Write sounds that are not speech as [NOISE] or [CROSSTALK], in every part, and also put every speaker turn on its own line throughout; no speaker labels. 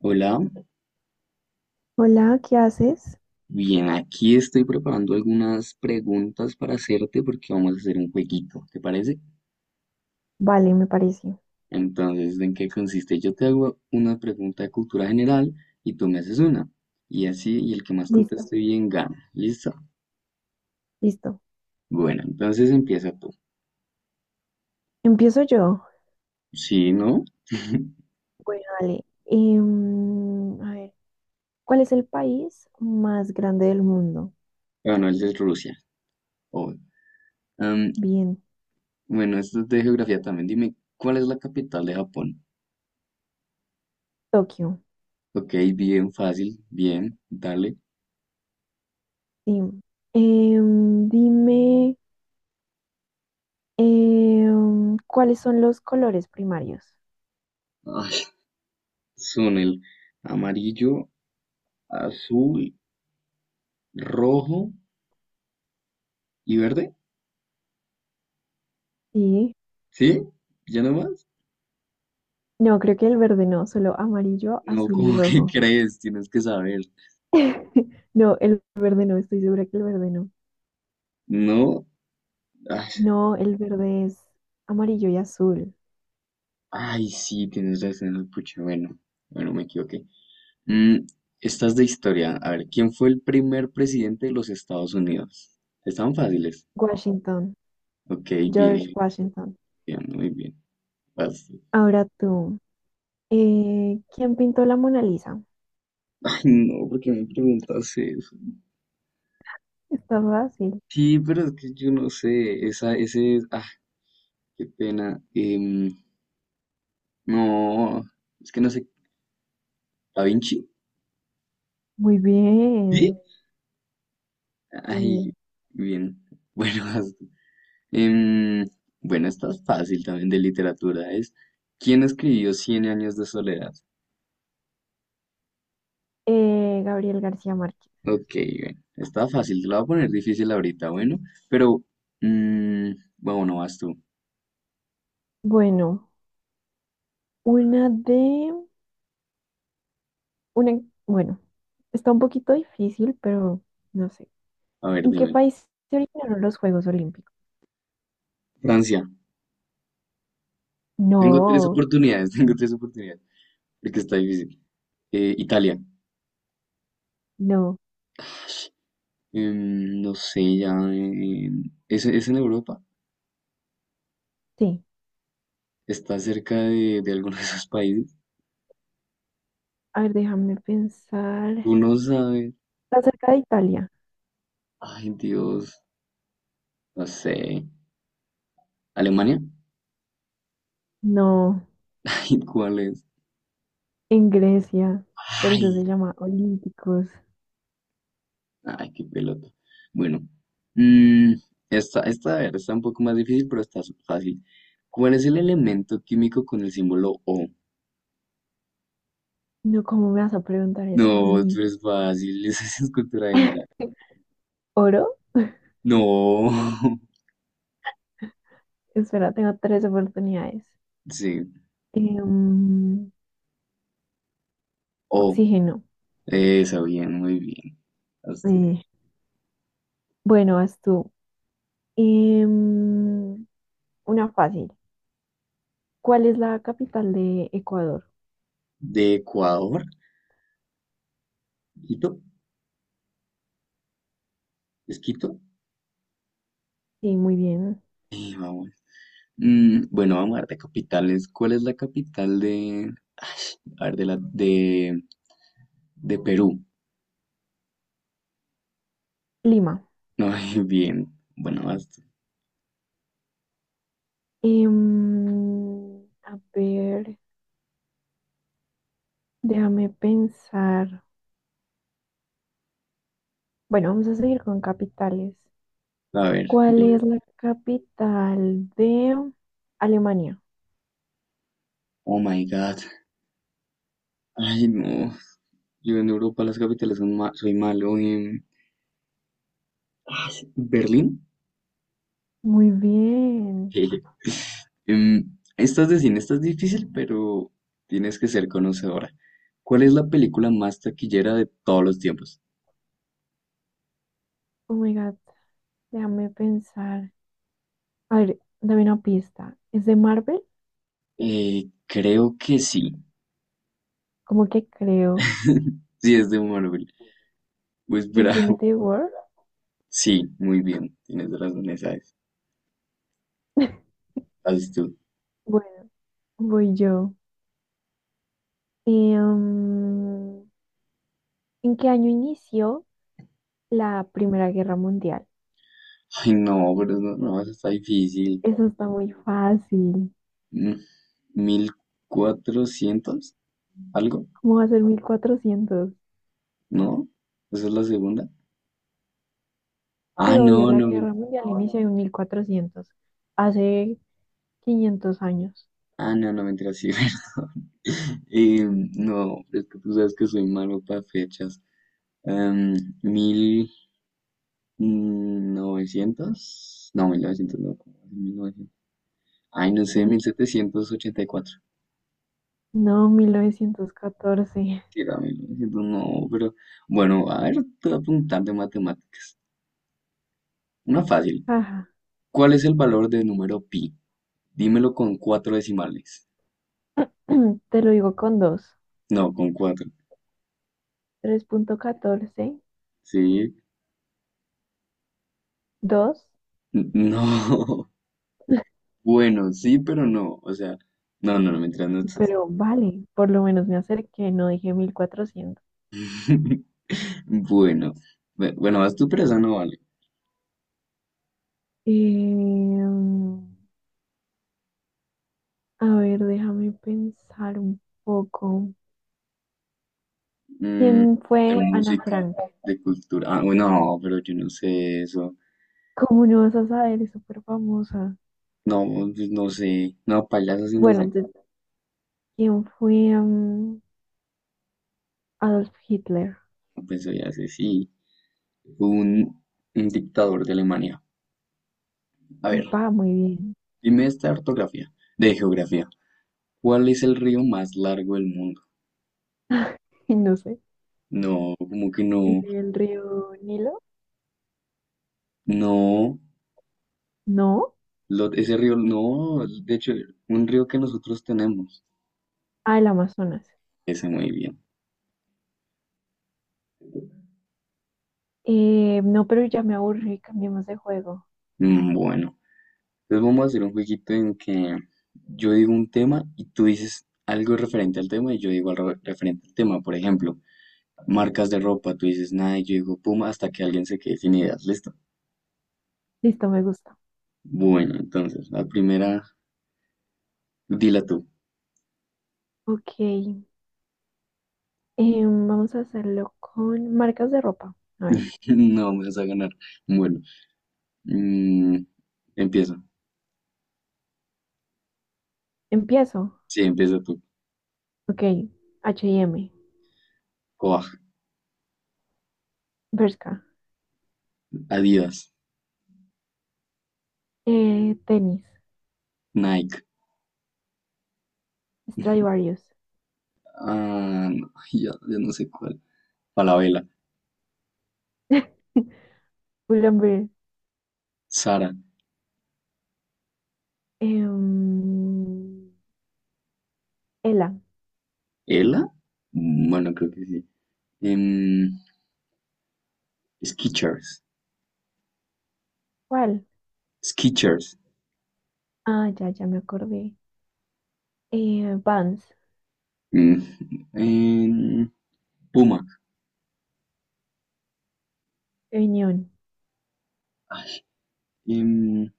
Hola,
Hola, ¿qué haces?
bien, aquí estoy preparando algunas preguntas para hacerte porque vamos a hacer un jueguito, ¿te parece?
Vale, me parece.
Entonces, ¿en qué consiste? Yo te hago una pregunta de cultura general y tú me haces una. Y así, y el que más
Listo,
conteste bien gana. ¿Listo?
listo.
Bueno, entonces empieza tú.
Empiezo yo.
¿Sí, no? [LAUGHS]
Bueno, dale. A ver, ¿cuál es el país más grande del mundo?
Bueno, el de Rusia. Oh. Am,
Bien,
bueno, esto es de geografía también. Dime, ¿cuál es la capital de Japón?
Tokio.
Ok, bien fácil, bien, dale.
Sí. Dime, ¿cuáles son los colores primarios?
Ay, son el amarillo, azul, rojo y verde.
Sí.
¿Sí? ¿Ya no más?
No, creo que el verde no, solo amarillo,
No, [LAUGHS]
azul y
¿cómo que
rojo.
crees? Tienes que saber.
[LAUGHS] No, el verde no, estoy segura que el verde no.
No. Ay,
No, el verde es amarillo y azul.
ay, sí, tienes razón, pucha. Bueno, bueno, me equivoqué. Mm, esta es de historia. A ver, ¿quién fue el primer presidente de los Estados Unidos? Están fáciles.
Washington.
Ok,
George
bien,
Washington.
bien, muy bien. Vas.
Ahora tú. ¿Quién pintó la Mona Lisa?
[LAUGHS] Ay, no, ¿porque me preguntas eso?
Está fácil.
Sí, pero es que yo no sé. Esa, ese, ah, qué pena. No, es que no sé. ¿Da Vinci?
Muy
¿Sí?
bien. Sí.
Ay, bien. Bueno, [LAUGHS] tú. em, bueno, esta es fácil también de literatura. Es. ¿Quién escribió Cien años de soledad?
Gabriel García Márquez.
Ok, bueno, está fácil. Te la voy a poner difícil ahorita, bueno. Pero, mm, bueno, no vas tú.
Bueno, una de... una, bueno, está un poquito difícil, pero no sé.
A ver,
¿En qué
dime.
país se originaron los Juegos Olímpicos?
Francia. Tengo tres
No,
oportunidades, [LAUGHS] tengo tres oportunidades. Porque está difícil. Italia.
no.
No sé, ya. Es en Europa.
Sí.
Está cerca de alguno de esos países.
A ver, déjame pensar.
Tú no sabes.
Está cerca de Italia.
Ay, Dios, no sé. ¿Alemania?
No,
[LAUGHS] Ay, ¿cuál es?
en Grecia. Por eso se
Ay,
llama Olímpicos.
ay, qué pelota. Bueno, mm, esta, a ver, está un poco más difícil, pero está fácil. ¿Cuál es el elemento químico con el símbolo O?
No, ¿cómo me vas a preguntar eso a
No, tú
mí?
eres fácil, [LAUGHS] esa es cultura general.
¿Oro? [LAUGHS]
No, [LAUGHS]
Espera, tengo tres oportunidades.
sí,
Em,
O,
oxígeno.
esa, bien, muy bien. Haz tú.
Eh, bueno, vas tú. Em, una fácil. ¿Cuál es la capital de Ecuador?
¿De Ecuador? ¿Quito? ¿Es Quito?
Sí, muy bien.
Sí, vamos. Mm, bueno, vamos a ver de capitales. ¿Cuál es la capital de... Ay, a ver, de la... de Perú?
Lima.
[LAUGHS] Ay, bien. Bueno, basta.
A ver, déjame pensar. Bueno, vamos a seguir con capitales.
A ver.
¿Cuál es la capital de Alemania?
Oh my God. Ay, no. Yo en Europa las capitales son soy malo. Ay, ¿Berlín?
Muy
[LAUGHS]
bien.
Jeje. Esta es de cine, esta es difícil, pero tienes que ser conocedora. ¿Cuál es la película más taquillera de todos los tiempos?
Oh my God. Déjame pensar. A ver, dame una pista. ¿Es de Marvel?
Creo que sí.
Como que creo.
[LAUGHS] Sí, es de Marvel. Pues, [LAUGHS] espera.
Infinity War.
Sí, muy bien, tienes razón, esa es.
[LAUGHS]
Haz tú.
Bueno, voy yo. Eh, mm, ¿en qué año inició la Primera Guerra Mundial?
Ay, no, pero no, no, eso está difícil.
Eso está muy fácil.
Mm, ¿1400? ¿Algo?
¿Cómo va a ser 1400?
¿No? ¿Esa es la segunda? Ah,
Sí, obvio,
no,
la
no,
Guerra Mundial inició en 1400 hace 500 años.
ah, no, no, mentira, sí, [LAUGHS] perdón. Eh, no, es que tú sabes que soy malo para fechas. Em, ¿Mil novecientos? No, mil novecientos no, ¿cómo es? 1900. Ay, no sé,
Sí.
1784.
No, 1914.
Sí, también lo siento, no, pero bueno, a ver, te voy a preguntar de matemáticas. Una fácil.
Ajá.
¿Cuál es el valor del número pi? Dímelo con cuatro decimales.
[CLEARS THROAT] Te lo digo con dos.
No, con cuatro.
3,14.
Sí.
Dos,
N- No. [LAUGHS] Bueno, sí, pero no. O sea, no, no, no, mientras no estás.
pero vale, por lo menos me acerqué, no dije 1400.
[LAUGHS] Bueno, bueno, vas tú, pero esa no vale.
Em, a ver, déjame pensar un poco.
Mm,
¿Quién
de
fue Ana
música,
Frank?
de cultura. Ah, bueno, no, pero yo no sé eso.
¿Cómo no vas a saber? Es súper famosa.
No, pues no sé. No, payaso sí no
Bueno,
sé.
entonces, ¿quién fue Adolf Hitler?
Pues ya sé, sí. un, un dictador de Alemania. A ver,
Upa, muy bien.
dime esta ortografía de geografía. ¿Cuál es el río más largo del mundo?
[LAUGHS] No sé.
No, como que no,
¿El río Nilo?
no,
No.
ese río, no, de hecho, un río que nosotros tenemos.
Ah, el Amazonas.
Ese muy bien.
No, pero ya me aburrí, cambiemos de juego.
Bueno, entonces vamos a hacer un jueguito en que yo digo un tema y tú dices algo referente al tema y yo digo algo referente al tema. Por ejemplo, marcas de ropa, tú dices nada y yo digo puma hasta que alguien se quede sin ideas. ¿Listo?
Listo, me gusta.
Bueno, entonces, la primera. Dila tú.
Ok. Vamos a hacerlo con marcas de ropa. A ver,
[LAUGHS] No me vas a ganar. Bueno, mm, empieza.
empiezo.
Sí, empieza tú.
Ok, H&M,
Coag,
Bershka,
Adidas,
tenis,
Nike.
Stradivarius,
Ah, no, [LAUGHS] ya, ya no sé cuál. Falabella,
[LAUGHS] Pull&Bear,
Sara,
em, Ela,
¿Ela? Mm. Bueno, creo que sí. Em, Skechers,
¿cuál?
Skechers.
Ah, ya, ya me acordé. Vans,
Mm, [LAUGHS] em, Puma.
Union,
Em,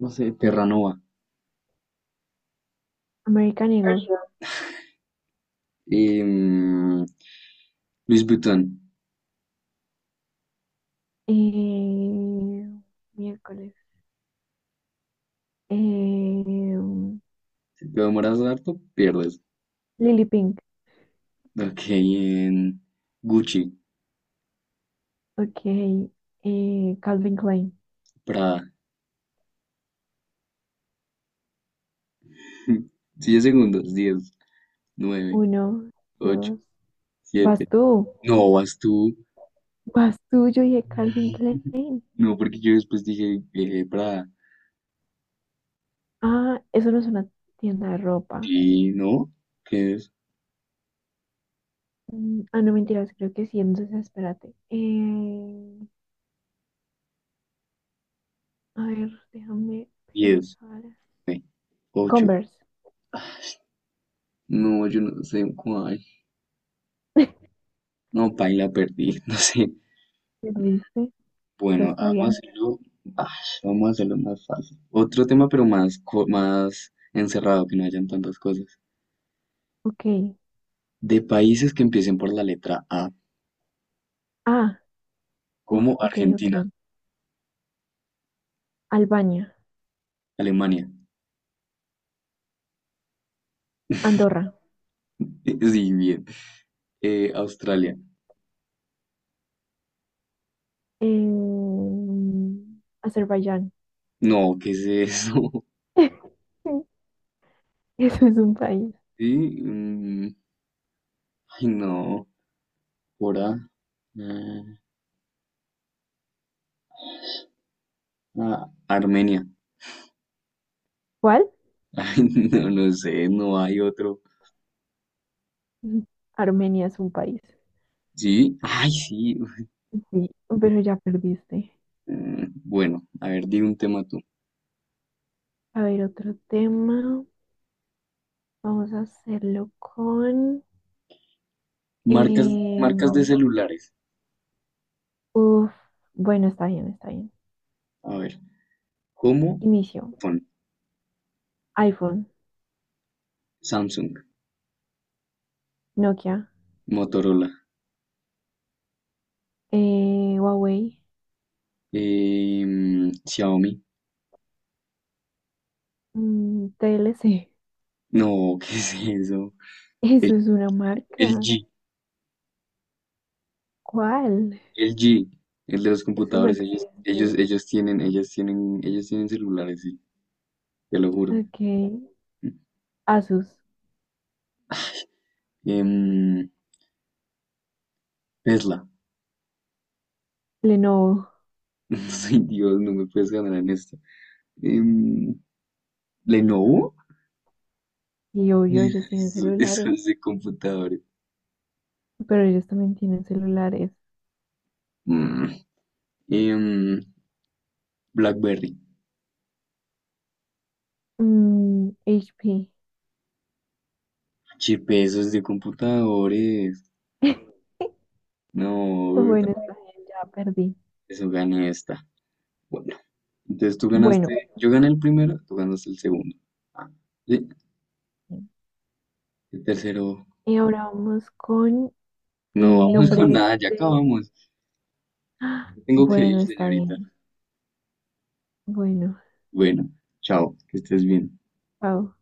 no sé, Terranova.
American Eagle,
Em, Luis Vuitton.
eh, miércoles, em,
Si te demoras harto, pierdes.
Lily Pink,
Ok, en Gucci.
ok, Calvin Klein,
Prada. [LAUGHS] 10 segundos. Diez, nueve,
uno,
ocho,
dos, vas
siete.
tú.
No, vas tú.
Vas tú, yo dije Calvin Klein.
No, porque yo después dije Prada.
Ah, eso no es una tienda de ropa.
Y no, ¿qué es?
Ah, no, mentiras, creo que sí. Entonces, espérate. A ver, déjame
Diez,
pensar.
nueve, ocho.
Converse.
No, yo no sé cuál.
[LAUGHS]
No, paila, perdí. [LAUGHS] No sé.
¿Me lo viste? Lo
Bueno, vamos a
sabía.
hacerlo. Ay, vamos a hacerlo más fácil. Otro tema, pero más, más encerrado, que no hayan tantas cosas.
Ok.
De países que empiecen por la letra A,
Ah, uff,
como
ok, ok.
Argentina,
Albania,
Alemania.
Andorra,
[LAUGHS] Sí, bien. Australia.
Azerbaiyán.
No, ¿qué es eso? [LAUGHS]
[LAUGHS] Eso es un país.
Sí, mm, ay, no. Por A. Ah, ah, Armenia.
¿Cuál?
[LAUGHS] Ay, no, no sé, no hay otro.
Armenia es un país.
Sí, ay, sí. Uf,
Sí, pero ya perdiste.
Bueno, a ver, di un tema tú.
A ver, otro tema. Vamos a hacerlo con...
Marcas,
em,
marcas de celulares.
uf, bueno, está bien, está bien.
A ver, ¿cómo?
Inicio.
Phone,
iPhone,
Samsung,
Nokia,
Motorola,
Huawei,
Xiaomi.
TLC.
No, [LAUGHS] ¿qué es eso?
[LAUGHS] Eso es una
El,
marca.
G.
¿Cuál?
El G, el de los
Eso no
computadores, ellos, ellos,
existe.
ellos tienen, ellas tienen, ellos tienen celulares, sí, te lo juro.
Ok. Asus,
Em, Tesla.
Lenovo.
[LAUGHS] Soy Dios, no me puedes ganar en esto. Em, Lenovo.
Y obvio,
[LAUGHS]
ellos tienen
Eso
celulares.
es de computadores.
Pero ellos también tienen celulares.
Mm. Em, BlackBerry.
HP.
Chip, eso es de computadores.
[LAUGHS]
No,
Bueno, está bien, ya perdí.
eso gana esta. Bueno, entonces tú
Bueno.
ganaste, yo gané el primero, tú ganaste el segundo. Ah, sí, el tercero.
Y ahora vamos con
No vamos con
nombres
nada, ya
de...
acabamos.
¡Ah!
Tengo que ir,
Bueno, está
señorita.
bien. Bueno,
Bueno, chao, que estés bien.
Pau.